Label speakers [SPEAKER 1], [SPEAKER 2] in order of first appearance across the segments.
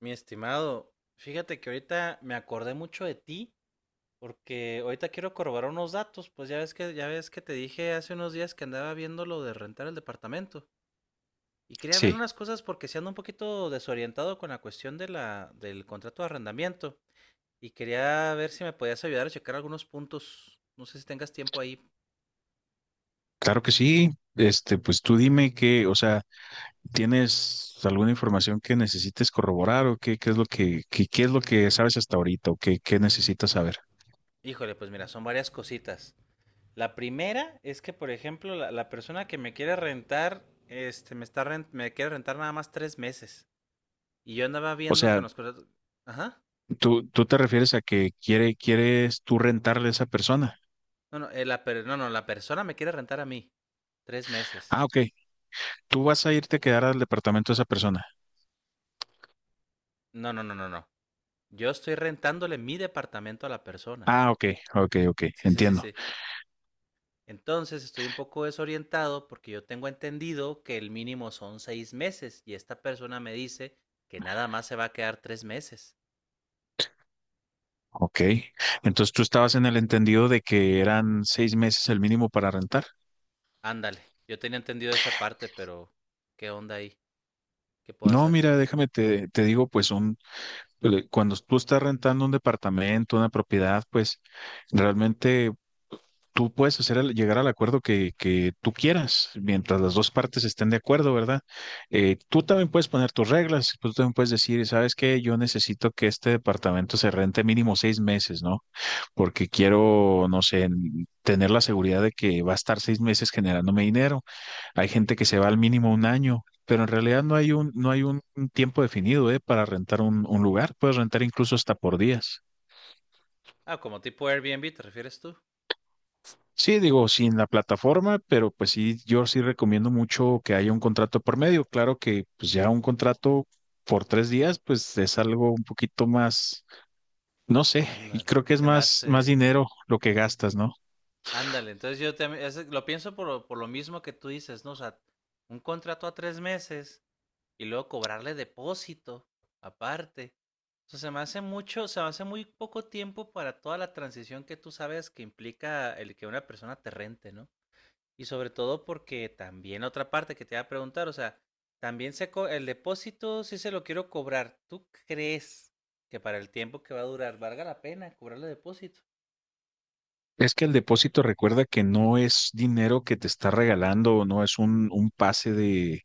[SPEAKER 1] Mi estimado, fíjate que ahorita me acordé mucho de ti porque ahorita quiero corroborar unos datos, pues ya ves que te dije hace unos días que andaba viendo lo de rentar el departamento y quería ver
[SPEAKER 2] Sí,
[SPEAKER 1] unas cosas porque se ando un poquito desorientado con la cuestión de la del contrato de arrendamiento y quería ver si me podías ayudar a checar algunos puntos. No sé si tengas tiempo ahí.
[SPEAKER 2] claro que sí. Pues tú dime que, o sea, ¿tienes alguna información que necesites corroborar o qué, qué es lo que sabes hasta ahorita o qué necesitas saber?
[SPEAKER 1] Híjole, pues mira, son varias cositas. La primera es que, por ejemplo, la persona que me quiere rentar, me quiere rentar nada más tres meses. Y yo andaba
[SPEAKER 2] O
[SPEAKER 1] viendo que
[SPEAKER 2] sea,
[SPEAKER 1] nos contrató. Ajá.
[SPEAKER 2] tú te refieres a que quieres tú rentarle a esa persona.
[SPEAKER 1] No, no, no, no, la persona me quiere rentar a mí. Tres meses.
[SPEAKER 2] Ah, ok. Tú vas a irte a quedar al departamento de esa persona.
[SPEAKER 1] No, no, no, no, no. Yo estoy rentándole mi departamento a la persona.
[SPEAKER 2] Ah, ok, ok, ok,
[SPEAKER 1] Sí, sí, sí,
[SPEAKER 2] entiendo.
[SPEAKER 1] sí. Entonces estoy un poco desorientado porque yo tengo entendido que el mínimo son seis meses y esta persona me dice que nada más se va a quedar tres meses.
[SPEAKER 2] Ok. Entonces tú estabas en el entendido de que eran 6 meses el mínimo para rentar.
[SPEAKER 1] Ándale. Yo tenía entendido esa parte, pero ¿qué onda ahí? ¿Qué puedo
[SPEAKER 2] No,
[SPEAKER 1] hacer?
[SPEAKER 2] mira, déjame te digo, pues cuando tú estás rentando un departamento, una propiedad, pues realmente tú puedes llegar al acuerdo que tú quieras, mientras las dos partes estén de acuerdo, ¿verdad? Tú también puedes poner tus reglas, pues, tú también puedes decir, ¿sabes qué? Yo necesito que este departamento se rente mínimo 6 meses, ¿no? Porque quiero, no sé, tener la seguridad de que va a estar 6 meses generándome dinero. Hay gente que se va al mínimo un año, pero en realidad no hay un tiempo definido, ¿eh?, para rentar un lugar. Puedes rentar incluso hasta por días.
[SPEAKER 1] Ah, como tipo Airbnb, ¿te refieres tú?
[SPEAKER 2] Sí, digo, sin la plataforma, pero pues sí, yo sí recomiendo mucho que haya un contrato por medio. Claro que pues ya un contrato por 3 días, pues es algo un poquito más, no sé, y
[SPEAKER 1] Ándale.
[SPEAKER 2] creo que es
[SPEAKER 1] Se me
[SPEAKER 2] más
[SPEAKER 1] hace...
[SPEAKER 2] dinero lo que gastas, ¿no?
[SPEAKER 1] Ándale, entonces yo también lo pienso por, por lo mismo que tú dices, ¿no? O sea, un contrato a tres meses y luego cobrarle depósito aparte. O sea, se me hace mucho, se me hace muy poco tiempo para toda la transición que tú sabes que implica el que una persona te rente, ¿no? Y sobre todo porque también otra parte que te iba a preguntar, o sea, también el depósito si se lo quiero cobrar. ¿Tú crees que para el tiempo que va a durar valga la pena cobrarle depósito?
[SPEAKER 2] Es que el depósito recuerda que no es dinero que te está regalando, no es un pase de,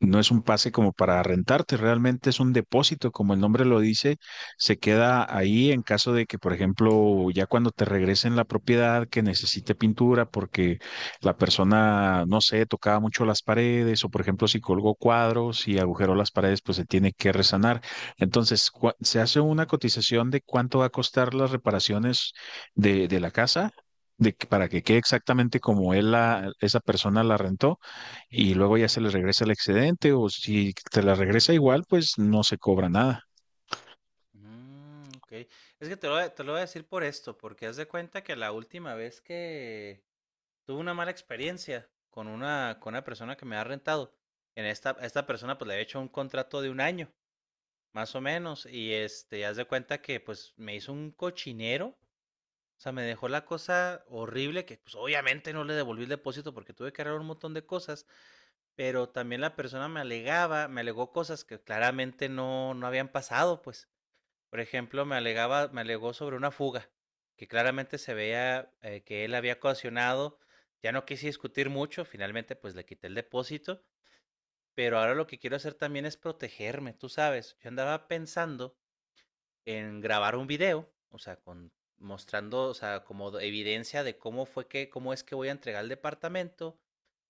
[SPEAKER 2] no es un pase como para rentarte, realmente es un depósito, como el nombre lo dice, se queda ahí en caso de que, por ejemplo, ya cuando te regresen la propiedad que necesite pintura porque la persona, no sé, tocaba mucho las paredes o, por ejemplo, si colgó cuadros y agujeró las paredes, pues se tiene que resanar. Entonces, se hace una cotización de cuánto va a costar las reparaciones de la casa. Para que quede exactamente como él esa persona la rentó, y luego ya se les regresa el excedente o si te la regresa igual, pues no se cobra nada.
[SPEAKER 1] Mm, ok. Es que te lo, te lo voy a decir por esto, porque haz de cuenta que la última vez que tuve una mala experiencia con una persona que me ha rentado, en esta, a esta persona pues le había hecho un contrato de un año, más o menos, y este, haz de cuenta que pues me hizo un cochinero, o sea, me dejó la cosa horrible que pues obviamente no le devolví el depósito porque tuve que arreglar un montón de cosas, pero también la persona me alegó cosas que claramente no, no habían pasado, pues. Por ejemplo, me alegó sobre una fuga, que claramente se veía, que él había ocasionado. Ya no quise discutir mucho, finalmente pues le quité el depósito, pero ahora lo que quiero hacer también es protegerme, tú sabes. Yo andaba pensando en grabar un video, o sea, con mostrando, o sea, evidencia de cómo fue que, cómo es que voy a entregar el departamento,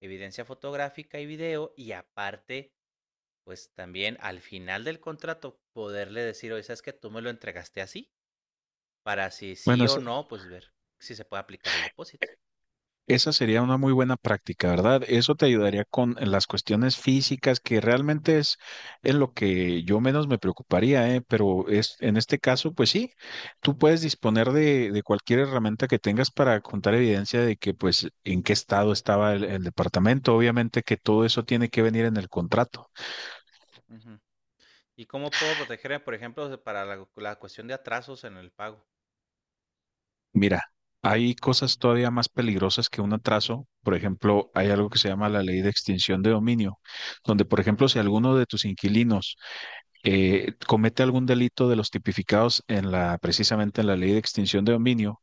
[SPEAKER 1] evidencia fotográfica y video, y aparte, pues también al final del contrato poderle decir, oye, ¿sabes que tú me lo entregaste así? Para si
[SPEAKER 2] Bueno,
[SPEAKER 1] sí o no, pues ver si se puede aplicar el depósito.
[SPEAKER 2] esa sería una muy buena práctica, ¿verdad? Eso te ayudaría con
[SPEAKER 1] Ujú,
[SPEAKER 2] las cuestiones físicas, que realmente es en lo que yo menos me preocuparía, ¿eh? Pero es, en este caso, pues sí, tú puedes disponer de cualquier herramienta que tengas para contar evidencia de que, pues, en qué estado estaba el departamento. Obviamente que todo eso tiene que venir en el contrato.
[SPEAKER 1] ujú. ¿Y cómo puedo protegerme, por ejemplo, para la cuestión de atrasos en el pago?
[SPEAKER 2] Mira, hay cosas todavía más peligrosas que un atraso. Por ejemplo, hay algo que se llama la ley de extinción de dominio, donde, por ejemplo, si alguno de tus inquilinos comete algún delito de los tipificados en la, precisamente en la ley de extinción de dominio,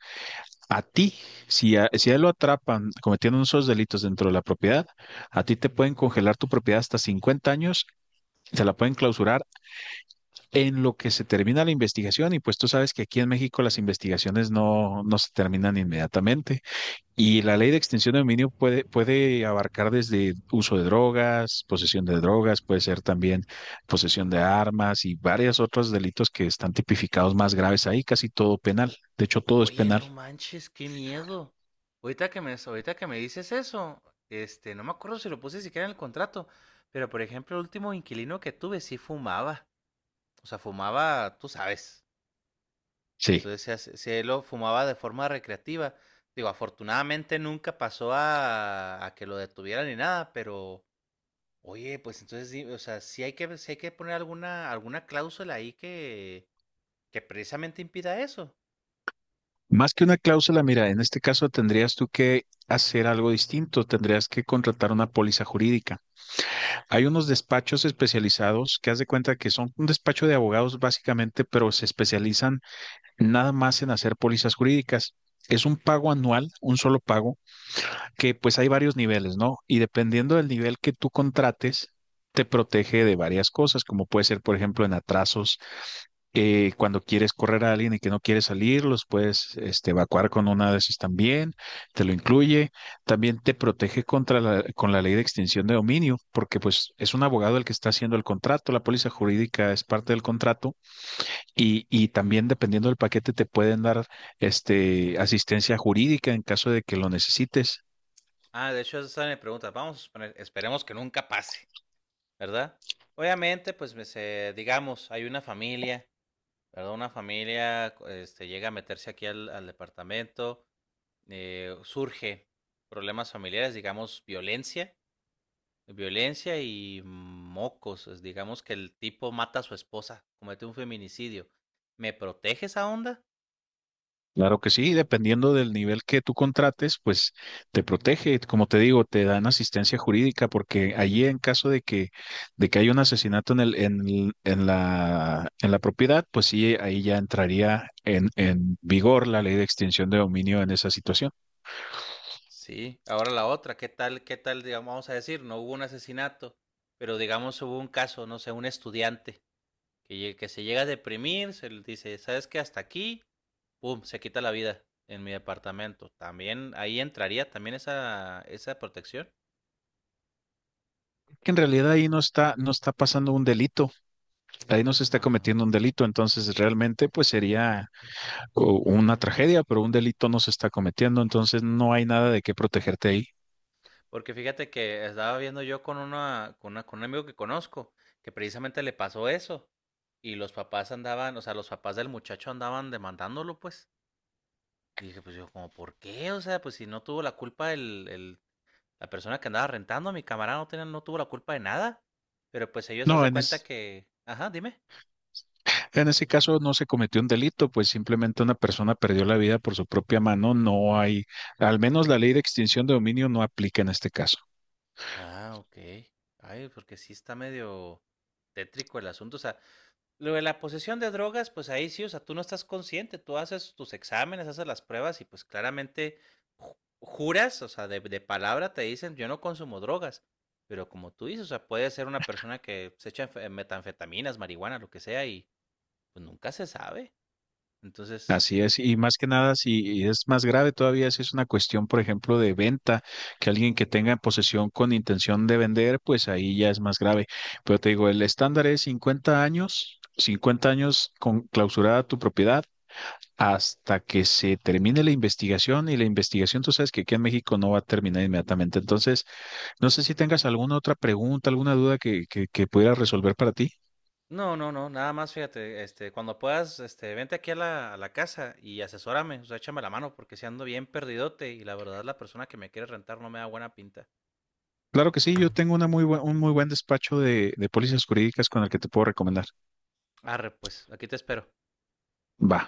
[SPEAKER 2] a ti, si a él lo atrapan cometiendo esos delitos dentro de la propiedad, a ti te pueden congelar tu propiedad hasta 50 años. Te la pueden clausurar en lo que se termina la investigación y pues tú sabes que aquí en México las investigaciones no, no se terminan inmediatamente. Y la ley de extinción de dominio puede abarcar desde uso de drogas, posesión de drogas, puede ser también posesión de armas y varios otros delitos que están tipificados más graves ahí, casi todo penal. De hecho, todo es
[SPEAKER 1] Oye,
[SPEAKER 2] penal.
[SPEAKER 1] no manches, qué miedo. Ahorita que me dices eso, este, no me acuerdo si lo puse siquiera en el contrato, pero por ejemplo, el último inquilino que tuve sí fumaba. O sea, fumaba, tú sabes.
[SPEAKER 2] Sí.
[SPEAKER 1] Entonces, se lo fumaba de forma recreativa. Digo, afortunadamente nunca pasó a que lo detuvieran ni nada, pero oye, pues entonces sí, o sea, sí hay que ver, sí hay que poner alguna cláusula ahí que precisamente impida eso.
[SPEAKER 2] Más que una cláusula, mira, en este caso tendrías tú que hacer algo distinto, tendrías que contratar una póliza jurídica. Hay unos despachos especializados que haz de cuenta que son un despacho de abogados básicamente, pero se especializan nada más en hacer pólizas jurídicas. Es un pago anual, un solo pago, que pues hay varios niveles, ¿no? Y dependiendo del nivel que tú contrates, te protege de varias cosas, como puede ser, por ejemplo, en atrasos, cuando quieres correr a alguien y que no quiere salir, los puedes evacuar con una de esas también, te lo incluye. También te protege con la ley de extinción de dominio, porque pues es un abogado el que está haciendo el contrato, la póliza jurídica es parte del contrato y, también
[SPEAKER 1] Mm.
[SPEAKER 2] dependiendo del paquete te pueden dar asistencia jurídica en caso de que lo necesites.
[SPEAKER 1] Ah, de hecho, esa es mi pregunta. Vamos a suponer, esperemos que nunca pase, ¿verdad? Obviamente, pues digamos, hay una familia, ¿verdad? Una familia este llega a meterse aquí al departamento, surge problemas familiares, digamos, violencia. Violencia y mocos. Es, digamos, que el tipo mata a su esposa, comete un feminicidio. ¿Me protege esa onda?
[SPEAKER 2] Claro que sí, dependiendo del nivel que tú contrates, pues te protege. Como te
[SPEAKER 1] Ujú.
[SPEAKER 2] digo, te dan asistencia jurídica porque allí en caso de que, haya un asesinato en en la propiedad, pues sí, ahí ya entraría en vigor la ley de extinción de dominio en esa situación.
[SPEAKER 1] Sí, ahora la otra, qué tal, digamos, vamos a decir, no hubo un asesinato, pero digamos hubo un caso, no sé, un estudiante que, que se llega a deprimir, se le dice, ¿sabes qué? Hasta aquí, pum, se quita la vida en mi departamento. También ahí entraría también esa protección.
[SPEAKER 2] Que en realidad ahí no está, no está pasando un delito, ahí no se está
[SPEAKER 1] Ajá.
[SPEAKER 2] cometiendo un delito, entonces realmente pues sería una tragedia, pero un delito no se está cometiendo, entonces no hay nada de qué protegerte ahí.
[SPEAKER 1] Porque fíjate que estaba viendo yo con una, con un amigo que conozco, que precisamente le pasó eso. Y los papás andaban, o sea, los papás del muchacho andaban demandándolo, pues. Y dije, pues yo, como, ¿por qué? O sea, pues si no tuvo la culpa la persona que andaba rentando, mi camarada no tuvo la culpa de nada. Pero pues ellos se
[SPEAKER 2] No,
[SPEAKER 1] hacen cuenta que... Ajá, dime.
[SPEAKER 2] en ese caso no se cometió un delito, pues simplemente una persona perdió la vida por su propia mano. No hay, al menos la ley de extinción de dominio no aplica en este caso.
[SPEAKER 1] Ah, ok. Ay, porque sí está medio tétrico el asunto. O sea, lo de la posesión de drogas, pues ahí sí, o sea, tú no estás consciente, tú haces tus exámenes, haces las pruebas y pues claramente ju- juras, o sea, de palabra te dicen, yo no consumo drogas, pero como tú dices, o sea, puede ser una persona que se echa metanfetaminas, marihuana, lo que sea, y pues nunca se sabe. Entonces,
[SPEAKER 2] Así es, y más que nada, si es más grave todavía, si es una cuestión, por ejemplo, de venta, que alguien que tenga en posesión con intención de vender, pues ahí ya es más grave. Pero te digo, el estándar es 50 años, 50 años con clausurada tu propiedad hasta que se termine la investigación y la investigación, tú sabes que aquí en México no va a terminar inmediatamente. Entonces, no sé si tengas alguna otra pregunta, alguna duda que pudiera resolver para ti.
[SPEAKER 1] no, no, no, nada más, fíjate, este, cuando puedas, este, vente aquí a a la casa y asesórame, o sea, échame la mano porque si ando bien perdidote y la verdad la persona que me quiere rentar no me da buena pinta.
[SPEAKER 2] Claro que sí, yo tengo un muy buen despacho de pólizas jurídicas con el que te puedo recomendar.
[SPEAKER 1] Arre, pues, aquí te espero.
[SPEAKER 2] Va.